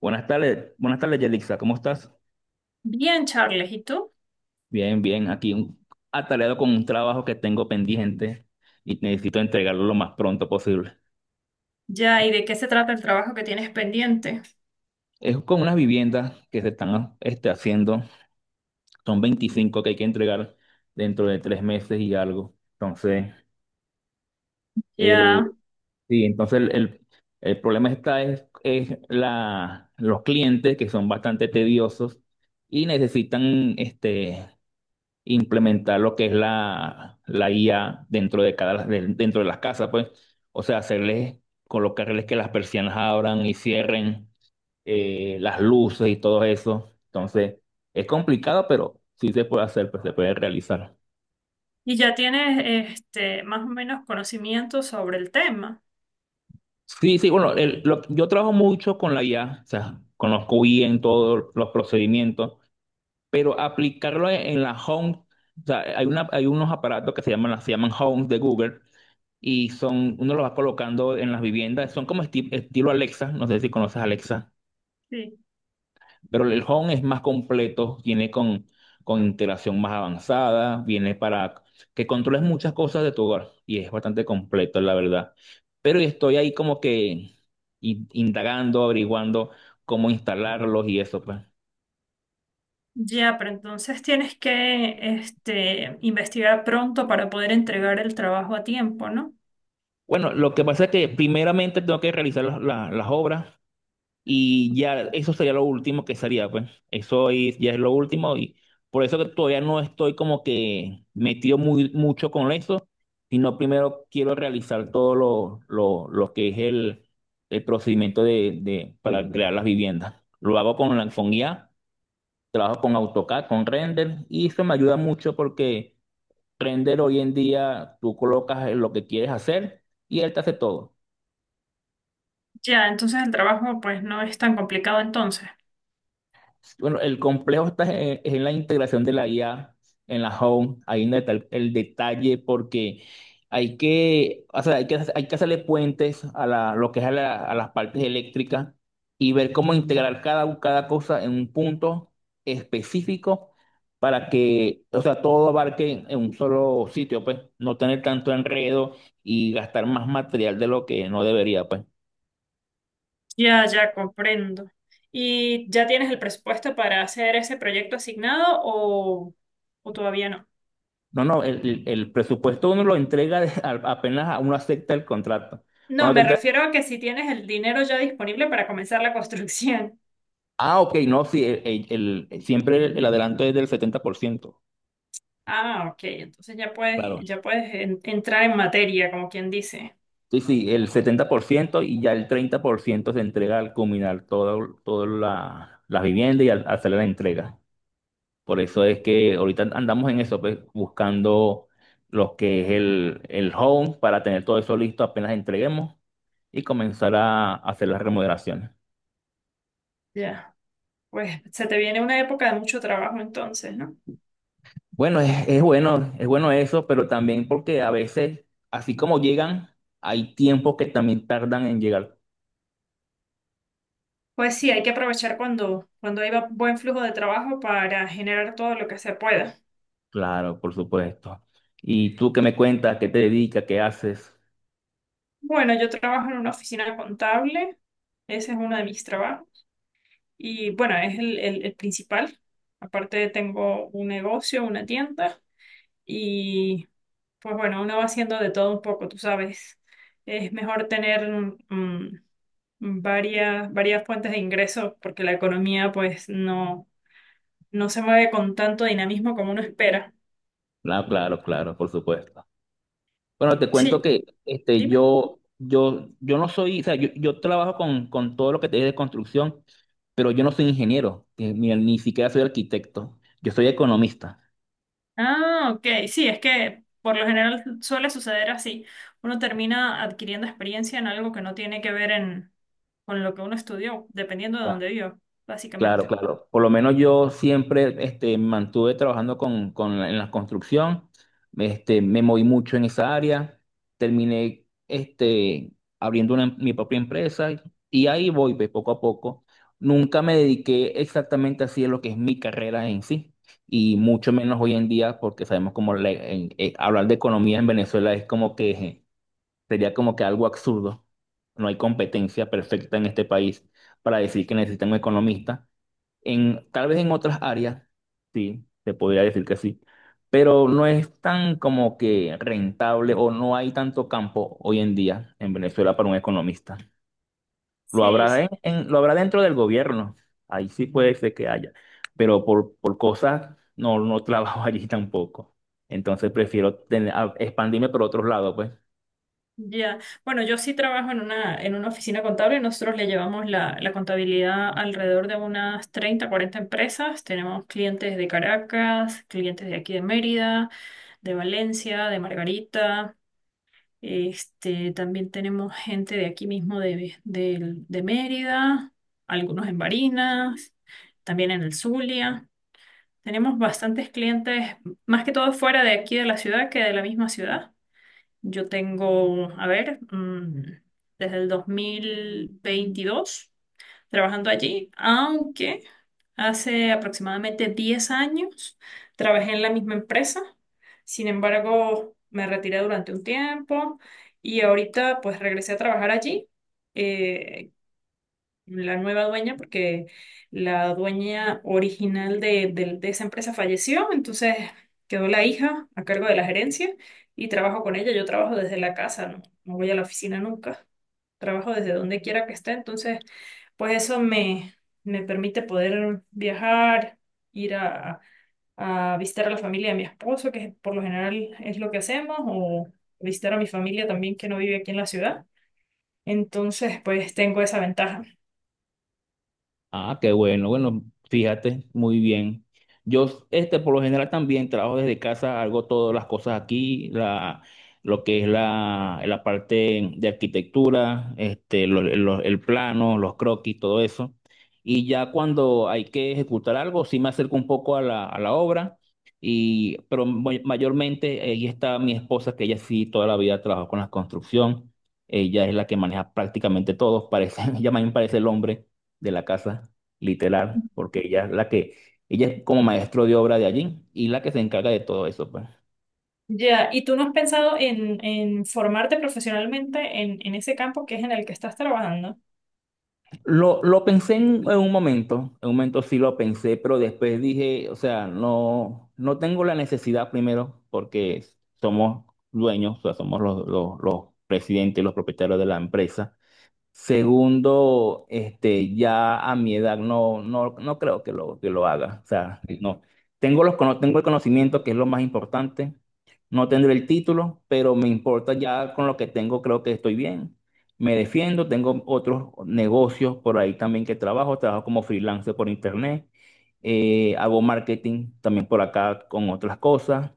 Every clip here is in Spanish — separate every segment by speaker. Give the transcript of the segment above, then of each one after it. Speaker 1: Buenas tardes, Yelixa, ¿cómo estás?
Speaker 2: Bien, Charles, ¿y tú?
Speaker 1: Bien, bien, aquí atareado con un trabajo que tengo pendiente y necesito entregarlo lo más pronto posible.
Speaker 2: Ya, ¿y de qué se trata el trabajo que tienes pendiente?
Speaker 1: Es con unas viviendas que se están haciendo, son 25 que hay que entregar dentro de 3 meses y algo. Entonces,
Speaker 2: Ya,
Speaker 1: el, sí, el problema está es la, los clientes que son bastante tediosos y necesitan implementar lo que es la IA dentro de dentro de las casas, pues. O sea, colocarles que las persianas abran y cierren, las luces y todo eso. Entonces, es complicado, pero sí se puede hacer, pues se puede realizar.
Speaker 2: y ya tienes más o menos conocimiento sobre el tema.
Speaker 1: Sí, sí, bueno, yo trabajo mucho con la IA. O sea, conozco bien todos los procedimientos, pero aplicarlo en la Home. O sea, hay unos aparatos que se llaman Home de Google, y son, uno los va colocando en las viviendas, son como estilo Alexa, no sé si conoces Alexa,
Speaker 2: Sí.
Speaker 1: pero el Home es más completo, viene con integración más avanzada, viene para que controles muchas cosas de tu hogar y es bastante completo, la verdad. Pero estoy ahí como que indagando, averiguando cómo instalarlos y eso, pues.
Speaker 2: Ya, pero entonces tienes que investigar pronto para poder entregar el trabajo a tiempo, ¿no?
Speaker 1: Bueno, lo que pasa es que primeramente tengo que realizar las obras. Y ya, eso sería lo último que sería, pues. Ya es lo último y por eso que todavía no estoy como que metido mucho con eso, sino primero quiero realizar todo lo que es el procedimiento para crear las viviendas. Lo hago con la con IA, trabajo con AutoCAD, con Render y eso me ayuda mucho porque Render hoy en día tú colocas lo que quieres hacer y él te hace todo.
Speaker 2: Ya, entonces el trabajo pues no es tan complicado entonces.
Speaker 1: Bueno, el complejo está en la integración de la IA en la home, ahí donde está el detalle, porque o sea, hay que hacerle puentes a la, lo que es a, la- a las partes eléctricas y ver cómo integrar cada cosa en un punto específico para que, o sea, todo abarque en un solo sitio, pues, no tener tanto enredo y gastar más material de lo que no debería, pues.
Speaker 2: Ya, ya comprendo. ¿Y ya tienes el presupuesto para hacer ese proyecto asignado o todavía no?
Speaker 1: No, no, el presupuesto uno lo entrega apenas uno acepta el contrato.
Speaker 2: No,
Speaker 1: Cuando te
Speaker 2: me
Speaker 1: entrega,
Speaker 2: refiero a que si tienes el dinero ya disponible para comenzar la construcción.
Speaker 1: ah, ok, no, sí, siempre el adelanto es del 70%.
Speaker 2: Ah, ok, entonces
Speaker 1: Claro.
Speaker 2: ya puedes entrar en materia, como quien dice.
Speaker 1: Sí, sí, el 70% y ya el 30% se entrega al culminar todo, toda la vivienda y al hacer la entrega. Por eso es que ahorita andamos en eso, pues, buscando lo que es el home para tener todo eso listo apenas entreguemos y comenzar a hacer las remodelaciones.
Speaker 2: Ya, pues se te viene una época de mucho trabajo entonces, ¿no?
Speaker 1: Bueno, es bueno, es bueno eso, pero también porque a veces, así como llegan, hay tiempos que también tardan en llegar.
Speaker 2: Pues sí, hay que aprovechar cuando hay buen flujo de trabajo para generar todo lo que se pueda.
Speaker 1: Claro, por supuesto. ¿Y tú qué me cuentas? ¿Qué te dedicas? ¿Qué haces?
Speaker 2: Bueno, yo trabajo en una oficina contable, ese es uno de mis trabajos, y bueno, es el principal. Aparte tengo un negocio, una tienda. Y pues bueno, uno va haciendo de todo un poco, tú sabes. Es mejor tener mm, varias fuentes de ingresos porque la economía pues no se mueve con tanto dinamismo como uno espera.
Speaker 1: Claro, claro, claro, por supuesto. Bueno, te cuento
Speaker 2: Sí,
Speaker 1: que
Speaker 2: dime.
Speaker 1: yo no soy, o sea, yo trabajo con todo lo que te dije de construcción, pero yo no soy ingeniero, ni siquiera soy arquitecto, yo soy economista.
Speaker 2: Ah, ok, sí, es que por lo general suele suceder así. Uno termina adquiriendo experiencia en algo que no tiene que ver con lo que uno estudió, dependiendo de dónde viva,
Speaker 1: Claro,
Speaker 2: básicamente.
Speaker 1: claro. Por lo menos yo siempre me mantuve trabajando en la construcción, me moví mucho en esa área, terminé mi propia empresa y ahí voy pues, poco a poco. Nunca me dediqué exactamente así a lo que es mi carrera en sí y mucho menos hoy en día porque sabemos como hablar de economía en Venezuela es como que sería como que algo absurdo. No hay competencia perfecta en este país para decir que necesitan un economista. Tal vez en otras áreas, sí, se podría decir que sí, pero no es tan como que rentable o no hay tanto campo hoy en día en Venezuela para un economista. Lo
Speaker 2: Sí,
Speaker 1: habrá,
Speaker 2: sí.
Speaker 1: lo habrá dentro del gobierno, ahí sí puede ser que haya, pero por cosas no, no trabajo allí tampoco. Entonces prefiero expandirme por otros lados, pues.
Speaker 2: Ya, bueno, yo sí trabajo en una oficina contable. Nosotros le llevamos la, la contabilidad alrededor de unas 30-40 empresas. Tenemos clientes de Caracas, clientes de aquí de Mérida, de Valencia, de Margarita. Este, también tenemos gente de aquí mismo de Mérida, algunos en Barinas, también en el Zulia. Tenemos bastantes clientes, más que todo fuera de aquí de la ciudad que de la misma ciudad. Yo tengo, a ver, desde el 2022 trabajando allí, aunque hace aproximadamente 10 años trabajé en la misma empresa. Sin embargo, me retiré durante un tiempo y ahorita pues regresé a trabajar allí. Eh, la nueva dueña, porque la dueña original de esa empresa falleció, entonces quedó la hija a cargo de la gerencia y trabajo con ella. Yo trabajo desde la casa, no, no voy a la oficina nunca. Trabajo desde donde quiera que esté, entonces pues eso me, me permite poder viajar, ir a visitar a la familia de mi esposo, que por lo general es lo que hacemos, o visitar a mi familia también que no vive aquí en la ciudad. Entonces, pues tengo esa ventaja.
Speaker 1: Ah, qué bueno. Bueno, fíjate, muy bien. Yo, por lo general también trabajo desde casa, hago todas las cosas aquí, lo que es la parte de arquitectura, el plano, los croquis, todo eso. Y ya cuando hay que ejecutar algo, sí me acerco un poco a la obra, pero mayormente ahí está mi esposa, que ella sí toda la vida trabajó con la construcción. Ella es la que maneja prácticamente todo, parece, ella más bien parece el hombre de la casa, literal, porque ella es como maestro de obra de allí y la que se encarga de todo eso, pues.
Speaker 2: Ya, ¿y tú no has pensado en formarte profesionalmente en ese campo que es en el que estás trabajando?
Speaker 1: Lo pensé en un momento sí lo pensé, pero después dije, o sea, no, no tengo la necesidad primero porque somos dueños, o sea, somos los presidentes, los propietarios de la empresa. Segundo, ya a mi edad no creo que que lo haga. O sea, no. Tengo tengo el conocimiento, que es lo más importante. No tendré el título, pero me importa ya con lo que tengo, creo que estoy bien. Me defiendo, tengo otros negocios por ahí también que trabajo. Trabajo como freelancer por internet. Hago marketing también por acá con otras cosas.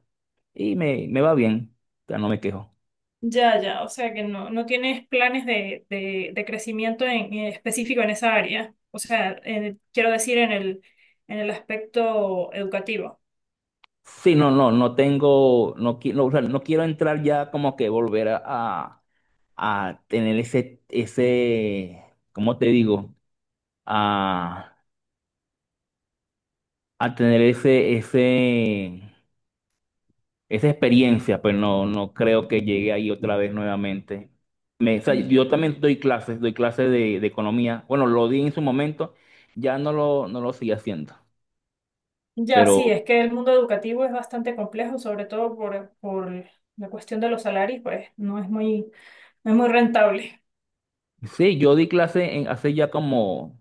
Speaker 1: Y me va bien. O sea, no me quejo.
Speaker 2: Ya, ya, o sea que no, no tienes planes de crecimiento en específico en esa área. O sea, quiero decir en el aspecto educativo.
Speaker 1: Sí, no, no, no tengo, no, no, o sea, no quiero entrar ya como que volver a tener ese, ¿cómo te digo? A, a tener esa experiencia, pues no, no creo que llegue ahí otra vez nuevamente. Yo
Speaker 2: Ya.
Speaker 1: también doy clases, de economía. Bueno, lo di en su momento, ya no lo sigo haciendo.
Speaker 2: Ya, sí,
Speaker 1: Pero
Speaker 2: es que el mundo educativo es bastante complejo, sobre todo por la cuestión de los salarios, pues no es muy, no es muy rentable.
Speaker 1: sí, yo di clases hace ya como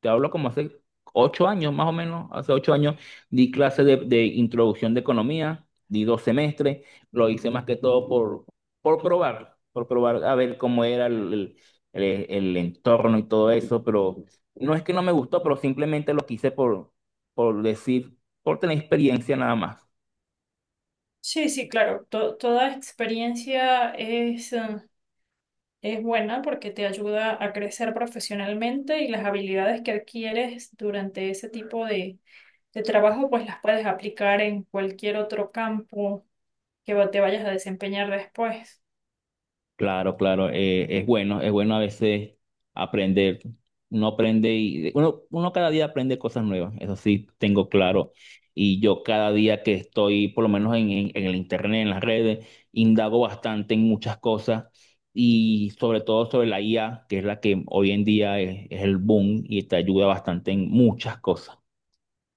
Speaker 1: te hablo como hace 8 años, más o menos, hace 8 años di clase de introducción de economía, di 2 semestres, lo hice más que todo por probar a ver cómo era el entorno y todo eso, pero no es que no me gustó, pero simplemente lo quise por decir, por tener experiencia nada más.
Speaker 2: Sí, sí, claro, toda experiencia es... es buena porque te ayuda a crecer profesionalmente y las habilidades que adquieres durante ese tipo de trabajo, pues las puedes aplicar en cualquier otro campo que te vayas a desempeñar después.
Speaker 1: Claro, claro, es bueno a veces aprender. Uno aprende y uno cada día aprende cosas nuevas, eso sí tengo claro. Y yo cada día que estoy, por lo menos en el internet, en las redes, indago bastante en muchas cosas y sobre todo sobre la IA, que es la que hoy en día es el boom y te ayuda bastante en muchas cosas.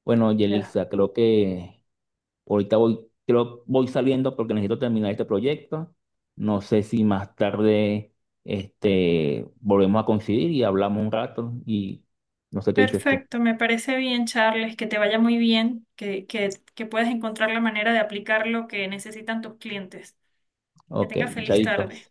Speaker 1: Bueno,
Speaker 2: Ya.
Speaker 1: Yelixa, creo que ahorita voy, voy saliendo porque necesito terminar este proyecto. No sé si más tarde volvemos a coincidir y hablamos un rato y no sé qué dices tú.
Speaker 2: Perfecto, me parece bien, Charles, que te vaya muy bien, que puedas encontrar la manera de aplicar lo que necesitan tus clientes. Que
Speaker 1: Ok,
Speaker 2: tengas feliz
Speaker 1: chaito.
Speaker 2: tarde.